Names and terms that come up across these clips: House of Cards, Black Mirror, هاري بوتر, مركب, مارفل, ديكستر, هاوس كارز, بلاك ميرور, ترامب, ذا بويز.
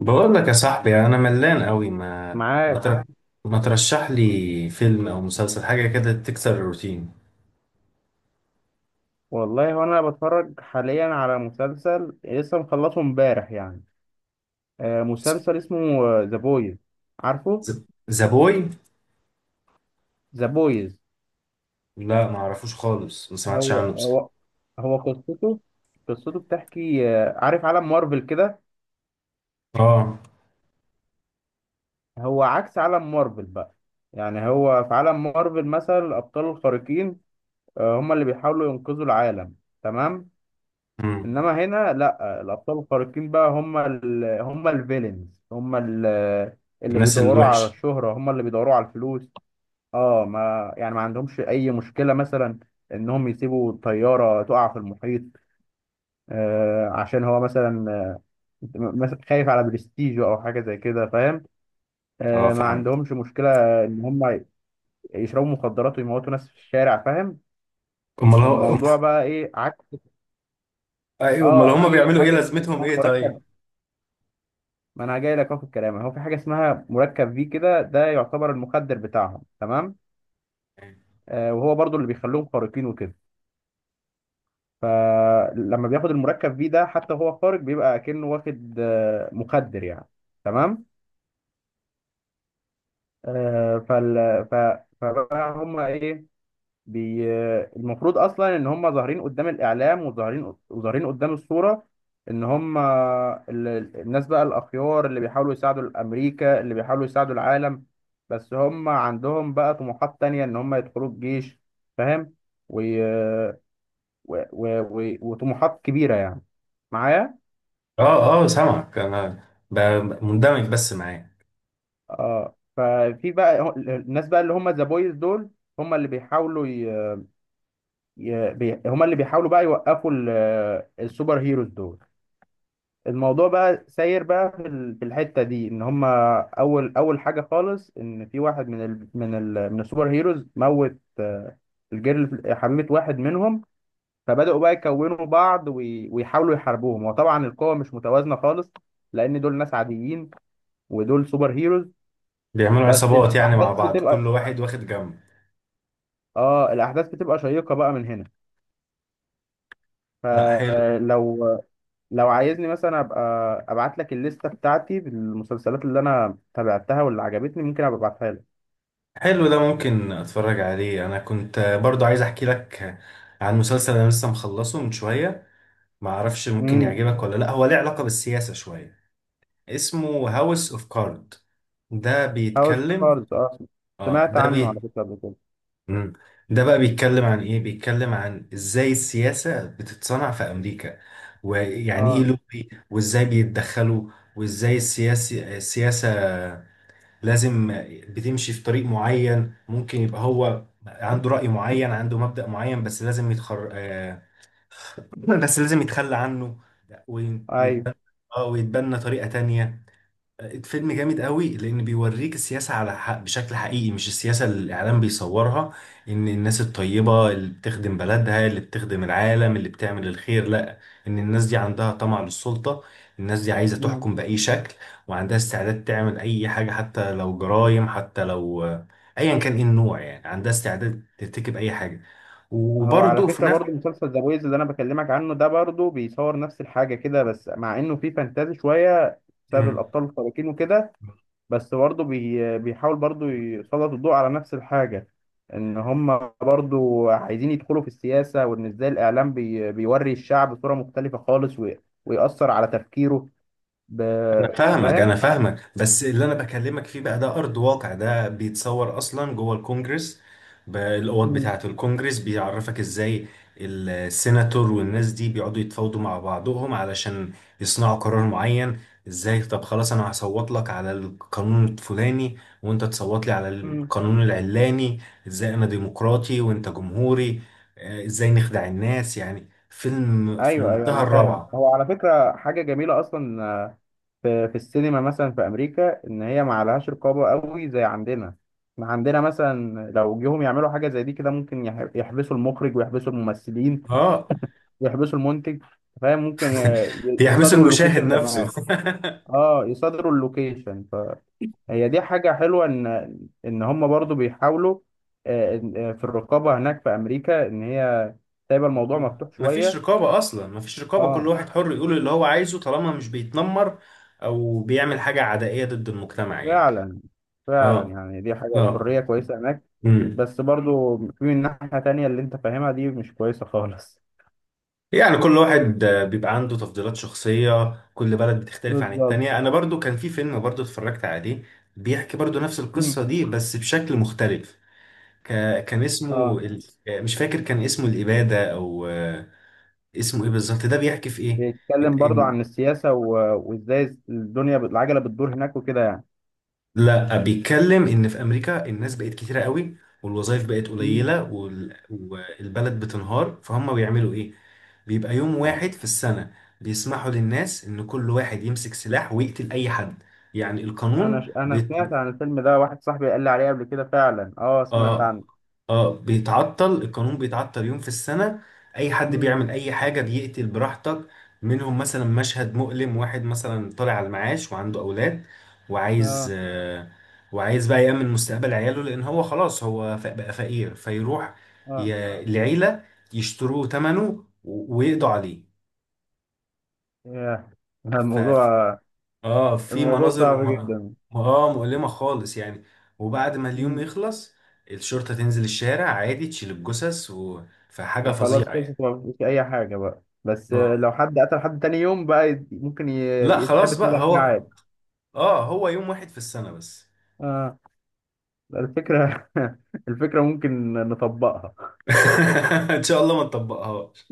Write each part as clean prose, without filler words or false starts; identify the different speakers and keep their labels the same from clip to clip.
Speaker 1: بقول لك يا صاحبي، انا ملان قوي. ما
Speaker 2: معاك.
Speaker 1: تر- ما ترشح لي فيلم او مسلسل، حاجه كده تكسر الروتين.
Speaker 2: والله هو انا بتفرج حاليا على مسلسل لسه مخلصه امبارح يعني. مسلسل اسمه ذا بويز. عارفه؟
Speaker 1: ذا بوي.
Speaker 2: ذا بويز.
Speaker 1: لا، ما اعرفوش خالص، ما سمعتش
Speaker 2: هو
Speaker 1: عنه بصراحه.
Speaker 2: هو هو قصته بتحكي، عارف عالم مارفل كده؟
Speaker 1: اه.
Speaker 2: هو عكس عالم مارفل بقى. يعني هو في عالم مارفل مثلا الابطال الخارقين، هم اللي بيحاولوا ينقذوا العالم، تمام.
Speaker 1: امم.
Speaker 2: انما هنا لا، الابطال الخارقين بقى هم الفيلنز، اللي
Speaker 1: الناس
Speaker 2: بيدوروا على
Speaker 1: الوحشه.
Speaker 2: الشهرة، هم اللي بيدوروا على الفلوس. اه، ما يعني ما عندهمش اي مشكلة مثلا انهم يسيبوا الطيارة تقع في المحيط، عشان هو مثلا مثلا خايف على برستيجه او حاجة زي كده، فاهم.
Speaker 1: اه
Speaker 2: ما
Speaker 1: فاهم.
Speaker 2: عندهمش مشكلة ان هم يشربوا مخدرات ويموتوا ناس في الشارع، فاهم.
Speaker 1: امال هو
Speaker 2: الموضوع بقى ايه عكس.
Speaker 1: ايوه، امال
Speaker 2: اه،
Speaker 1: هم
Speaker 2: في
Speaker 1: بيعملوا ايه؟
Speaker 2: حاجة
Speaker 1: لازمتهم
Speaker 2: اسمها
Speaker 1: ايه طيب؟
Speaker 2: مركب، ما انا جاي لك اهو في الكلام. هو في حاجه اسمها مركب في كده، ده يعتبر المخدر بتاعهم، تمام. وهو برضو اللي بيخليهم خارقين وكده. فلما بياخد المركب في ده حتى وهو خارق بيبقى كأنه واخد مخدر يعني، تمام. آه فال ف فبقى هم ايه؟ بي... المفروض اصلا ان هم ظاهرين قدام الاعلام وظاهرين قدام الصوره، ان هم الناس بقى الاخيار اللي بيحاولوا يساعدوا الامريكا، اللي بيحاولوا يساعدوا العالم. بس هم عندهم بقى طموحات تانية ان هم يدخلوا الجيش، فاهم. و... وطموحات كبيره يعني. معايا.
Speaker 1: اه اه سامعك انا، مندمج بس معاه.
Speaker 2: اه، ففي بقى الناس بقى اللي هم ذا بويز دول هم اللي بيحاولوا ي... ي... بي... هم اللي بيحاولوا بقى يوقفوا السوبر هيروز دول. الموضوع بقى ساير بقى في في الحته دي، ان هما اول حاجه خالص، ان في واحد من السوبر هيروز موت، الجيرل حميت واحد منهم. فبداوا بقى يكونوا بعض ويحاولوا يحاربوهم، وطبعا القوه مش متوازنه خالص، لان دول ناس عاديين ودول سوبر هيروز.
Speaker 1: بيعملوا
Speaker 2: بس
Speaker 1: عصابات يعني مع
Speaker 2: الاحداث
Speaker 1: بعض، كل
Speaker 2: بتبقى،
Speaker 1: واحد واخد جنب.
Speaker 2: اه الاحداث بتبقى شيقه بقى من هنا.
Speaker 1: لا حلو.
Speaker 2: فلو لو عايزني مثلا ابقى ابعت لك الليسته بتاعتي بالمسلسلات اللي انا تابعتها واللي عجبتني، ممكن ابقى ابعتها لك.
Speaker 1: حلو، ده ممكن اتفرج عليه. انا كنت برضو عايز احكي لك عن مسلسل انا لسه مخلصه من شوية، ما اعرفش ممكن
Speaker 2: امم.
Speaker 1: يعجبك ولا لا، هو ليه علاقة بالسياسة شوية. اسمه هاوس اوف كارد. ده
Speaker 2: هاوس
Speaker 1: بيتكلم.
Speaker 2: كارز، اه
Speaker 1: اه
Speaker 2: سمعت
Speaker 1: ده
Speaker 2: عنه على
Speaker 1: بي
Speaker 2: فكره قبل كده.
Speaker 1: مم. ده بقى بيتكلم عن ايه؟ بيتكلم عن ازاي السياسة بتتصنع في امريكا، ويعني ايه
Speaker 2: اه.
Speaker 1: لوبي، وازاي بيتدخلوا، وازاي السياسة لازم بتمشي في طريق معين. ممكن يبقى هو عنده رأي معين، عنده مبدأ معين، بس لازم يتخر آه، بس لازم يتخلى عنه
Speaker 2: ايوه.
Speaker 1: ويتبنى. اه، ويتبنى طريقة تانية. فيلم جامد قوي، لان بيوريك السياسه على حق بشكل حقيقي، مش السياسه اللي الاعلام بيصورها ان الناس الطيبه اللي بتخدم بلدها، اللي بتخدم العالم، اللي بتعمل الخير. لا، ان الناس دي عندها طمع للسلطه، الناس دي عايزه
Speaker 2: امم.
Speaker 1: تحكم باي شكل، وعندها استعداد تعمل اي حاجه، حتى لو جرائم، حتى لو ايا كان ايه النوع، يعني عندها استعداد ترتكب اي حاجه.
Speaker 2: هو على
Speaker 1: وبرضه في
Speaker 2: فكره برضو مسلسل ذا بويز اللي انا بكلمك عنه ده برضو بيصور نفس الحاجه كده، بس مع انه فيه فانتازي شويه بسبب
Speaker 1: نفس
Speaker 2: الابطال الخارقين وكده. بس برضو بيحاول برضو يسلط الضوء على نفس الحاجه، ان هم برضو عايزين يدخلوا في السياسه، وان ازاي الاعلام بيوري الشعب صوره مختلفه خالص ويأثر على تفكيره. ب...
Speaker 1: انا
Speaker 2: انت
Speaker 1: فاهمك،
Speaker 2: فاهم؟
Speaker 1: انا فاهمك، بس اللي انا بكلمك فيه بقى ده ارض واقع. ده بيتصور اصلا جوه الكونجرس. الاوض بتاعه الكونجرس بيعرفك ازاي السيناتور والناس دي بيقعدوا يتفاوضوا مع بعضهم علشان يصنعوا قرار معين. ازاي؟ طب خلاص، انا هصوت لك على القانون الفلاني وانت تصوت لي على
Speaker 2: امم.
Speaker 1: القانون العلاني. ازاي انا ديمقراطي وانت جمهوري؟ ازاي نخدع الناس؟ يعني فيلم في
Speaker 2: ايوه، ايوه
Speaker 1: منتهى
Speaker 2: انا فاهم.
Speaker 1: الروعة.
Speaker 2: هو على فكره حاجه جميله اصلا، في السينما مثلا في امريكا ان هي ما عليهاش رقابه قوي زي عندنا. احنا عندنا مثلا لو جيهم يعملوا حاجه زي دي كده، ممكن يحبسوا المخرج ويحبسوا الممثلين
Speaker 1: اه
Speaker 2: ويحبسوا المنتج، فاهم. ممكن
Speaker 1: يحبسوا
Speaker 2: يصادروا
Speaker 1: المشاهد
Speaker 2: اللوكيشن
Speaker 1: نفسه.
Speaker 2: كمان. اه، يصادروا اللوكيشن، فهي دي حاجه حلوه، ان هم برضو بيحاولوا، في الرقابه هناك في امريكا ان هي سايبه الموضوع مفتوح
Speaker 1: مفيش
Speaker 2: شويه.
Speaker 1: رقابة أصلا، مفيش رقابة. كل
Speaker 2: اه،
Speaker 1: واحد حر يقول اللي هو عايزه طالما مش بيتنمر أو بيعمل حاجة عدائية ضد المجتمع يعني.
Speaker 2: فعلا، فعلا
Speaker 1: اه.
Speaker 2: يعني دي حاجة الحرية
Speaker 1: اه.
Speaker 2: كويسة هناك.
Speaker 1: امم.
Speaker 2: بس برضو في من ناحية تانية اللي انت فاهمها دي مش كويسة خالص.
Speaker 1: يعني كل واحد بيبقى عنده تفضيلات شخصية، كل بلد بتختلف عن
Speaker 2: بالظبط.
Speaker 1: التانية. أنا برضو كان في فيلم برضو اتفرجت عليه، بيحكي برضو نفس
Speaker 2: مم.
Speaker 1: القصة دي بس بشكل مختلف. ك... كان اسمه
Speaker 2: اه،
Speaker 1: مش فاكر، كان اسمه الإبادة أو اسمه إيه بالظبط؟ ده بيحكي في إيه؟ إن...
Speaker 2: بيتكلم برضو
Speaker 1: إن...
Speaker 2: عن السياسة وازاي الدنيا العجلة بتدور هناك وكده يعني.
Speaker 1: لا، بيتكلم إن في أمريكا الناس بقت كتيرة قوي والوظائف بقت
Speaker 2: مم.
Speaker 1: قليلة والبلد بتنهار، فهم بيعملوا إيه؟ بيبقى يوم واحد في السنة بيسمحوا للناس إن كل واحد يمسك سلاح ويقتل أي حد. يعني القانون.
Speaker 2: انا سمعت عن الفيلم ده، واحد صاحبي قال لي عليه قبل كده فعلا. اه، سمعت
Speaker 1: اه.
Speaker 2: عنه.
Speaker 1: اه، بيتعطل القانون، بيتعطل يوم في السنة. اي حد
Speaker 2: مم.
Speaker 1: بيعمل اي حاجة، بيقتل براحتك. منهم مثلا مشهد مؤلم، واحد مثلا طالع على المعاش وعنده اولاد وعايز
Speaker 2: اه.
Speaker 1: آه، وعايز بقى يأمن مستقبل عياله لان هو خلاص هو بقى فقير، فيروح
Speaker 2: اه.
Speaker 1: لعيلة يشتروه ثمنه ويقضوا
Speaker 2: ياه.
Speaker 1: عليه.
Speaker 2: الموضوع
Speaker 1: اه، في
Speaker 2: الموضوع
Speaker 1: مناظر
Speaker 2: صعب جدا.
Speaker 1: اه، مؤلمة خالص يعني. وبعد ما اليوم
Speaker 2: مم.
Speaker 1: يخلص، الشرطة تنزل الشارع عادي تشيل الجثث. فحاجة
Speaker 2: وخلاص
Speaker 1: فظيعة يعني.
Speaker 2: خلصت، ما فيش اي حاجه بقى، بس
Speaker 1: اه
Speaker 2: لو حد قتل حد تاني يوم بقى، ممكن
Speaker 1: لا، خلاص
Speaker 2: يتحبس منه على
Speaker 1: بقى
Speaker 2: حاجه
Speaker 1: هو،
Speaker 2: عادي.
Speaker 1: اه، هو يوم واحد في السنة بس.
Speaker 2: اه. الفكره. الفكره ممكن نطبقها.
Speaker 1: ان شاء الله ما نطبقهاش.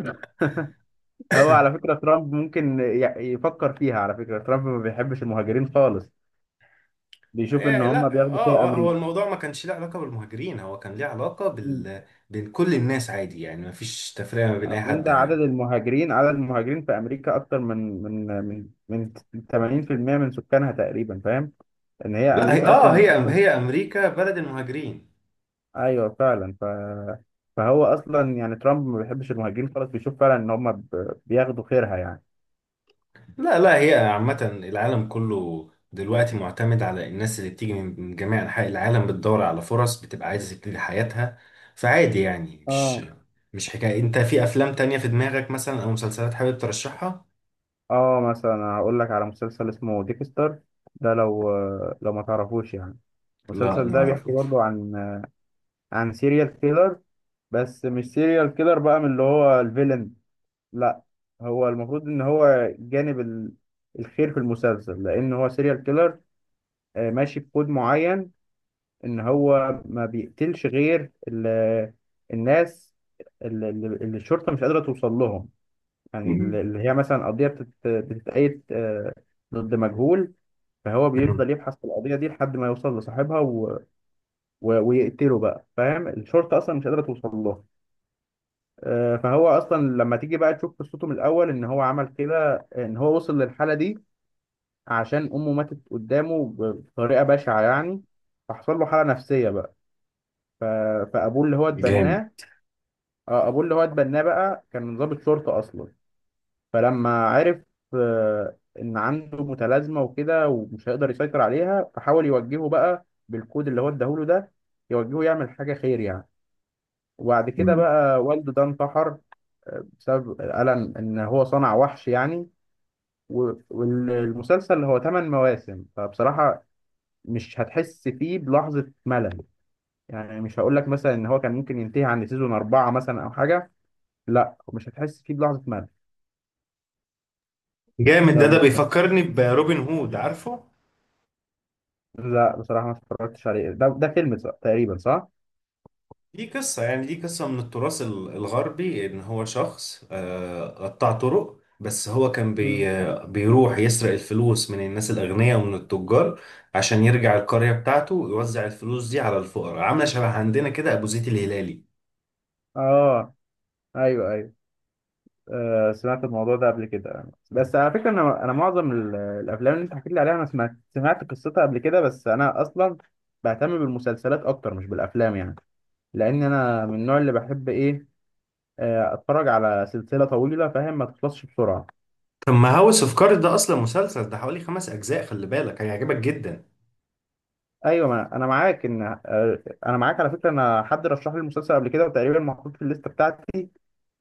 Speaker 2: هو على فكره، ترامب ممكن يفكر فيها. على فكره ترامب ما بيحبش المهاجرين خالص، بيشوف ان
Speaker 1: إيه؟
Speaker 2: هم
Speaker 1: لا،
Speaker 2: بياخدوا خير
Speaker 1: اه، هو
Speaker 2: امريكا.
Speaker 1: الموضوع ما كانش له علاقة بالمهاجرين، هو كان ليه علاقة
Speaker 2: مم.
Speaker 1: بين كل الناس عادي، يعني ما فيش تفرقة ما بين اي
Speaker 2: أصل انت،
Speaker 1: حد
Speaker 2: عدد
Speaker 1: هنا.
Speaker 2: المهاجرين عدد المهاجرين في امريكا اكتر من 80% من سكانها تقريبا، فاهم. ان هي
Speaker 1: لا هي...
Speaker 2: امريكا
Speaker 1: اه،
Speaker 2: اصلا.
Speaker 1: هي امريكا بلد المهاجرين.
Speaker 2: ايوه، فعلا. فهو اصلا يعني ترامب ما بيحبش المهاجرين خالص، بيشوف فعلا ان هم بياخدوا خيرها يعني.
Speaker 1: لا لا، هي عامة العالم كله دلوقتي معتمد على الناس اللي بتيجي من جميع أنحاء العالم، بتدور على فرص، بتبقى عايزة تبتدي حياتها. فعادي يعني،
Speaker 2: اه.
Speaker 1: مش حكاية. أنت في أفلام تانية في دماغك مثلا أو مسلسلات حابب ترشحها؟
Speaker 2: اه، مثلا هقول لك على مسلسل اسمه ديكستر. ده لو ما تعرفوش يعني.
Speaker 1: لا،
Speaker 2: المسلسل
Speaker 1: ما
Speaker 2: ده بيحكي
Speaker 1: أعرفوش.
Speaker 2: برضه عن سيريال كيلر، بس مش سيريال كيلر بقى من اللي هو الفيلن. لا، هو المفروض ان هو جانب الخير في المسلسل، لان هو سيريال كيلر ماشي بكود معين، ان هو ما بيقتلش غير الناس اللي الشرطه مش قادره توصل لهم. يعني اللي
Speaker 1: مم.
Speaker 2: اللي هي مثلا قضيه بتتقيد ضد مجهول. فهو
Speaker 1: مم.
Speaker 2: بيفضل يبحث في القضيه دي لحد ما يوصل لصاحبها ويقتله بقى، فاهم. الشرطه اصلا مش قادره توصل له. فهو اصلا لما تيجي بقى تشوف قصته من الاول ان هو عمل كده، ان هو وصل للحاله دي عشان امه ماتت قدامه بطريقه بشعه يعني. فحصل له حاله نفسيه بقى. ف... فابوه اللي هو
Speaker 1: جامد.
Speaker 2: اتبناه، ابوه اللي هو اتبناه بقى كان ضابط شرطه اصلا. فلما عرف ان عنده متلازمه وكده ومش هيقدر يسيطر عليها، فحاول يوجهه بقى بالكود اللي هو اداهوله ده، يوجهه يعمل حاجه خير يعني. وبعد كده
Speaker 1: مم.
Speaker 2: بقى والده ده انتحر، بسبب الم ان هو صنع وحش يعني. والمسلسل هو 8 مواسم، فبصراحه مش هتحس فيه بلحظه ملل. يعني مش هقول لك مثلا ان هو كان ممكن ينتهي عند سيزون اربعه مثلا او حاجه، لا مش هتحس فيه بلحظه ملل.
Speaker 1: جامد، ده
Speaker 2: لو
Speaker 1: بيفكرني بروبن هود، عارفه؟
Speaker 2: لا بصراحة ما اتفرجتش عليه. ده فيلم تقريبا صح؟
Speaker 1: دي قصة، يعني دي قصة من التراث الغربي، إن هو شخص قطع طرق، بس هو كان
Speaker 2: مم.
Speaker 1: بي آه، بيروح يسرق الفلوس من الناس الأغنياء ومن التجار عشان يرجع القرية بتاعته ويوزع الفلوس دي على الفقراء. عاملة شبه عندنا كده أبو زيد الهلالي.
Speaker 2: اه. ايوه، ايوه. سمعت الموضوع ده قبل كده، بس على فكرة انا معظم الافلام اللي انت حكيت لي عليها، انا سمعت قصتها قبل كده، بس انا اصلا بهتم بالمسلسلات اكتر مش بالافلام يعني. لان انا من النوع اللي بحب ايه، اتفرج على سلسلة طويلة، فاهم. ما تخلصش بسرعة.
Speaker 1: طب ما هاوس اوف كارد ده أصلا مسلسل، ده حوالي 5 أجزاء، خلي بالك هيعجبك جدا.
Speaker 2: ايوه، ما انا معاك، ان آه انا معاك على فكرة. انا حد رشح لي المسلسل قبل كده وتقريبا محطوط في الليستة بتاعتي.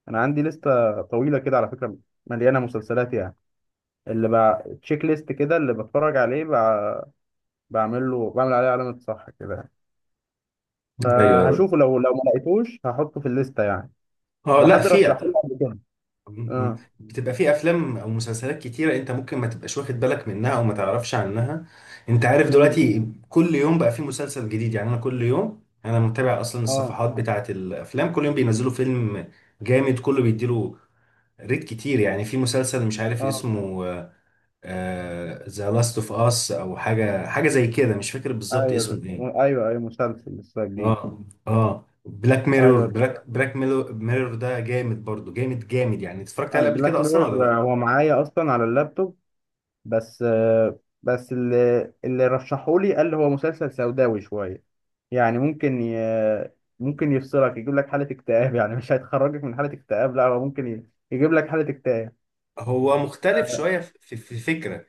Speaker 2: انا عندي لستة طويلة كده على فكرة، مليانة مسلسلات يعني. اللي بقى تشيك ليست كده اللي بتفرج عليه، بقى بعمل عليه علامة صح كده يعني.
Speaker 1: ايوه.
Speaker 2: فهشوفه، لو ما لقيتوش هحطه في الليستة يعني،
Speaker 1: اه
Speaker 2: او
Speaker 1: لا،
Speaker 2: حد
Speaker 1: في
Speaker 2: رشحه لي قبل كده.
Speaker 1: م- م.
Speaker 2: اه.
Speaker 1: بتبقى في افلام او مسلسلات كتيره انت ممكن ما تبقاش واخد بالك منها او ما تعرفش عنها. انت عارف
Speaker 2: امم.
Speaker 1: دلوقتي كل يوم بقى في مسلسل جديد، يعني انا كل يوم انا متابع اصلا
Speaker 2: اه.
Speaker 1: الصفحات بتاعه الافلام، كل يوم بينزلوا فيلم جامد كله بيديله ريت كتير. يعني في مسلسل مش عارف
Speaker 2: اه.
Speaker 1: اسمه، ذا لاست اوف اس او حاجه، حاجه زي كده، مش فاكر بالظبط
Speaker 2: ايوه ده.
Speaker 1: اسمه ايه.
Speaker 2: ايوه، ايوه، مسلسل لسه جديد.
Speaker 1: اه. اه، بلاك ميرور.
Speaker 2: ايوه.
Speaker 1: بلاك ميرور ده جامد برضو، جامد جامد يعني. اتفرجت
Speaker 2: انا
Speaker 1: عليه قبل
Speaker 2: بلاك
Speaker 1: كده اصلا ولا
Speaker 2: ميرور
Speaker 1: لا؟
Speaker 2: هو معايا اصلا على اللابتوب، بس اللي رشحولي قال هو مسلسل سوداوي شوية. يعني ممكن ممكن يفصلك يجيب لك حالة اكتئاب يعني، مش هيخرجك من حالة اكتئاب، لا هو ممكن يجيب لك حالة اكتئاب.
Speaker 1: هو مختلف شوية في الفكرة.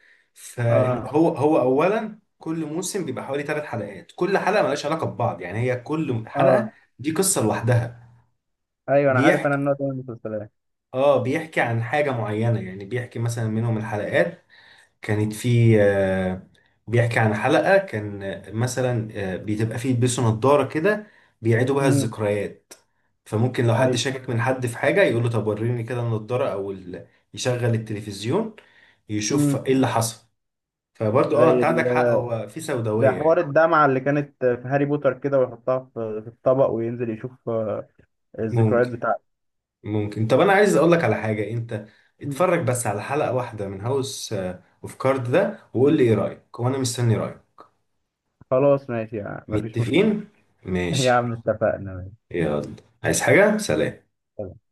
Speaker 2: اه.
Speaker 1: فهو أولا كل موسم بيبقى حوالي 3 حلقات، كل حلقة ملهاش علاقة ببعض، يعني هي كل
Speaker 2: اه،
Speaker 1: حلقة دي قصة لوحدها.
Speaker 2: ايوه انا عارف انا
Speaker 1: بيحكي،
Speaker 2: النوع ده من المسلسلات.
Speaker 1: اه بيحكي عن حاجة معينة، يعني بيحكي مثلا منهم الحلقات كانت في بيحكي عن حلقة كان مثلا بتبقى فيه يلبسوا نظارة كده بيعيدوا بها
Speaker 2: امم.
Speaker 1: الذكريات. فممكن لو حد
Speaker 2: ايوه.
Speaker 1: شاكك من حد في حاجة يقول له طب وريني كده النضارة أو يشغل التلفزيون يشوف
Speaker 2: امم.
Speaker 1: ايه اللي حصل. فبرضه اه،
Speaker 2: زي
Speaker 1: انت
Speaker 2: ال...
Speaker 1: عندك حق، هو في
Speaker 2: زي
Speaker 1: سوداوية
Speaker 2: حوار
Speaker 1: يعني.
Speaker 2: الدمعة اللي كانت في هاري بوتر كده، ويحطها في الطبق وينزل يشوف الذكريات
Speaker 1: ممكن.
Speaker 2: بتاعته.
Speaker 1: ممكن. طب انا عايز اقول لك على حاجة، انت
Speaker 2: مم.
Speaker 1: اتفرج بس على حلقة واحدة من هاوس اوف كارد ده وقول لي ايه رأيك، وانا مستني رأيك.
Speaker 2: خلاص ماشي يعني مفيش مشكلة.
Speaker 1: متفقين؟
Speaker 2: يا
Speaker 1: ماشي.
Speaker 2: عم اتفقنا.
Speaker 1: يلا. عايز حاجة؟ سلام.
Speaker 2: ماشي.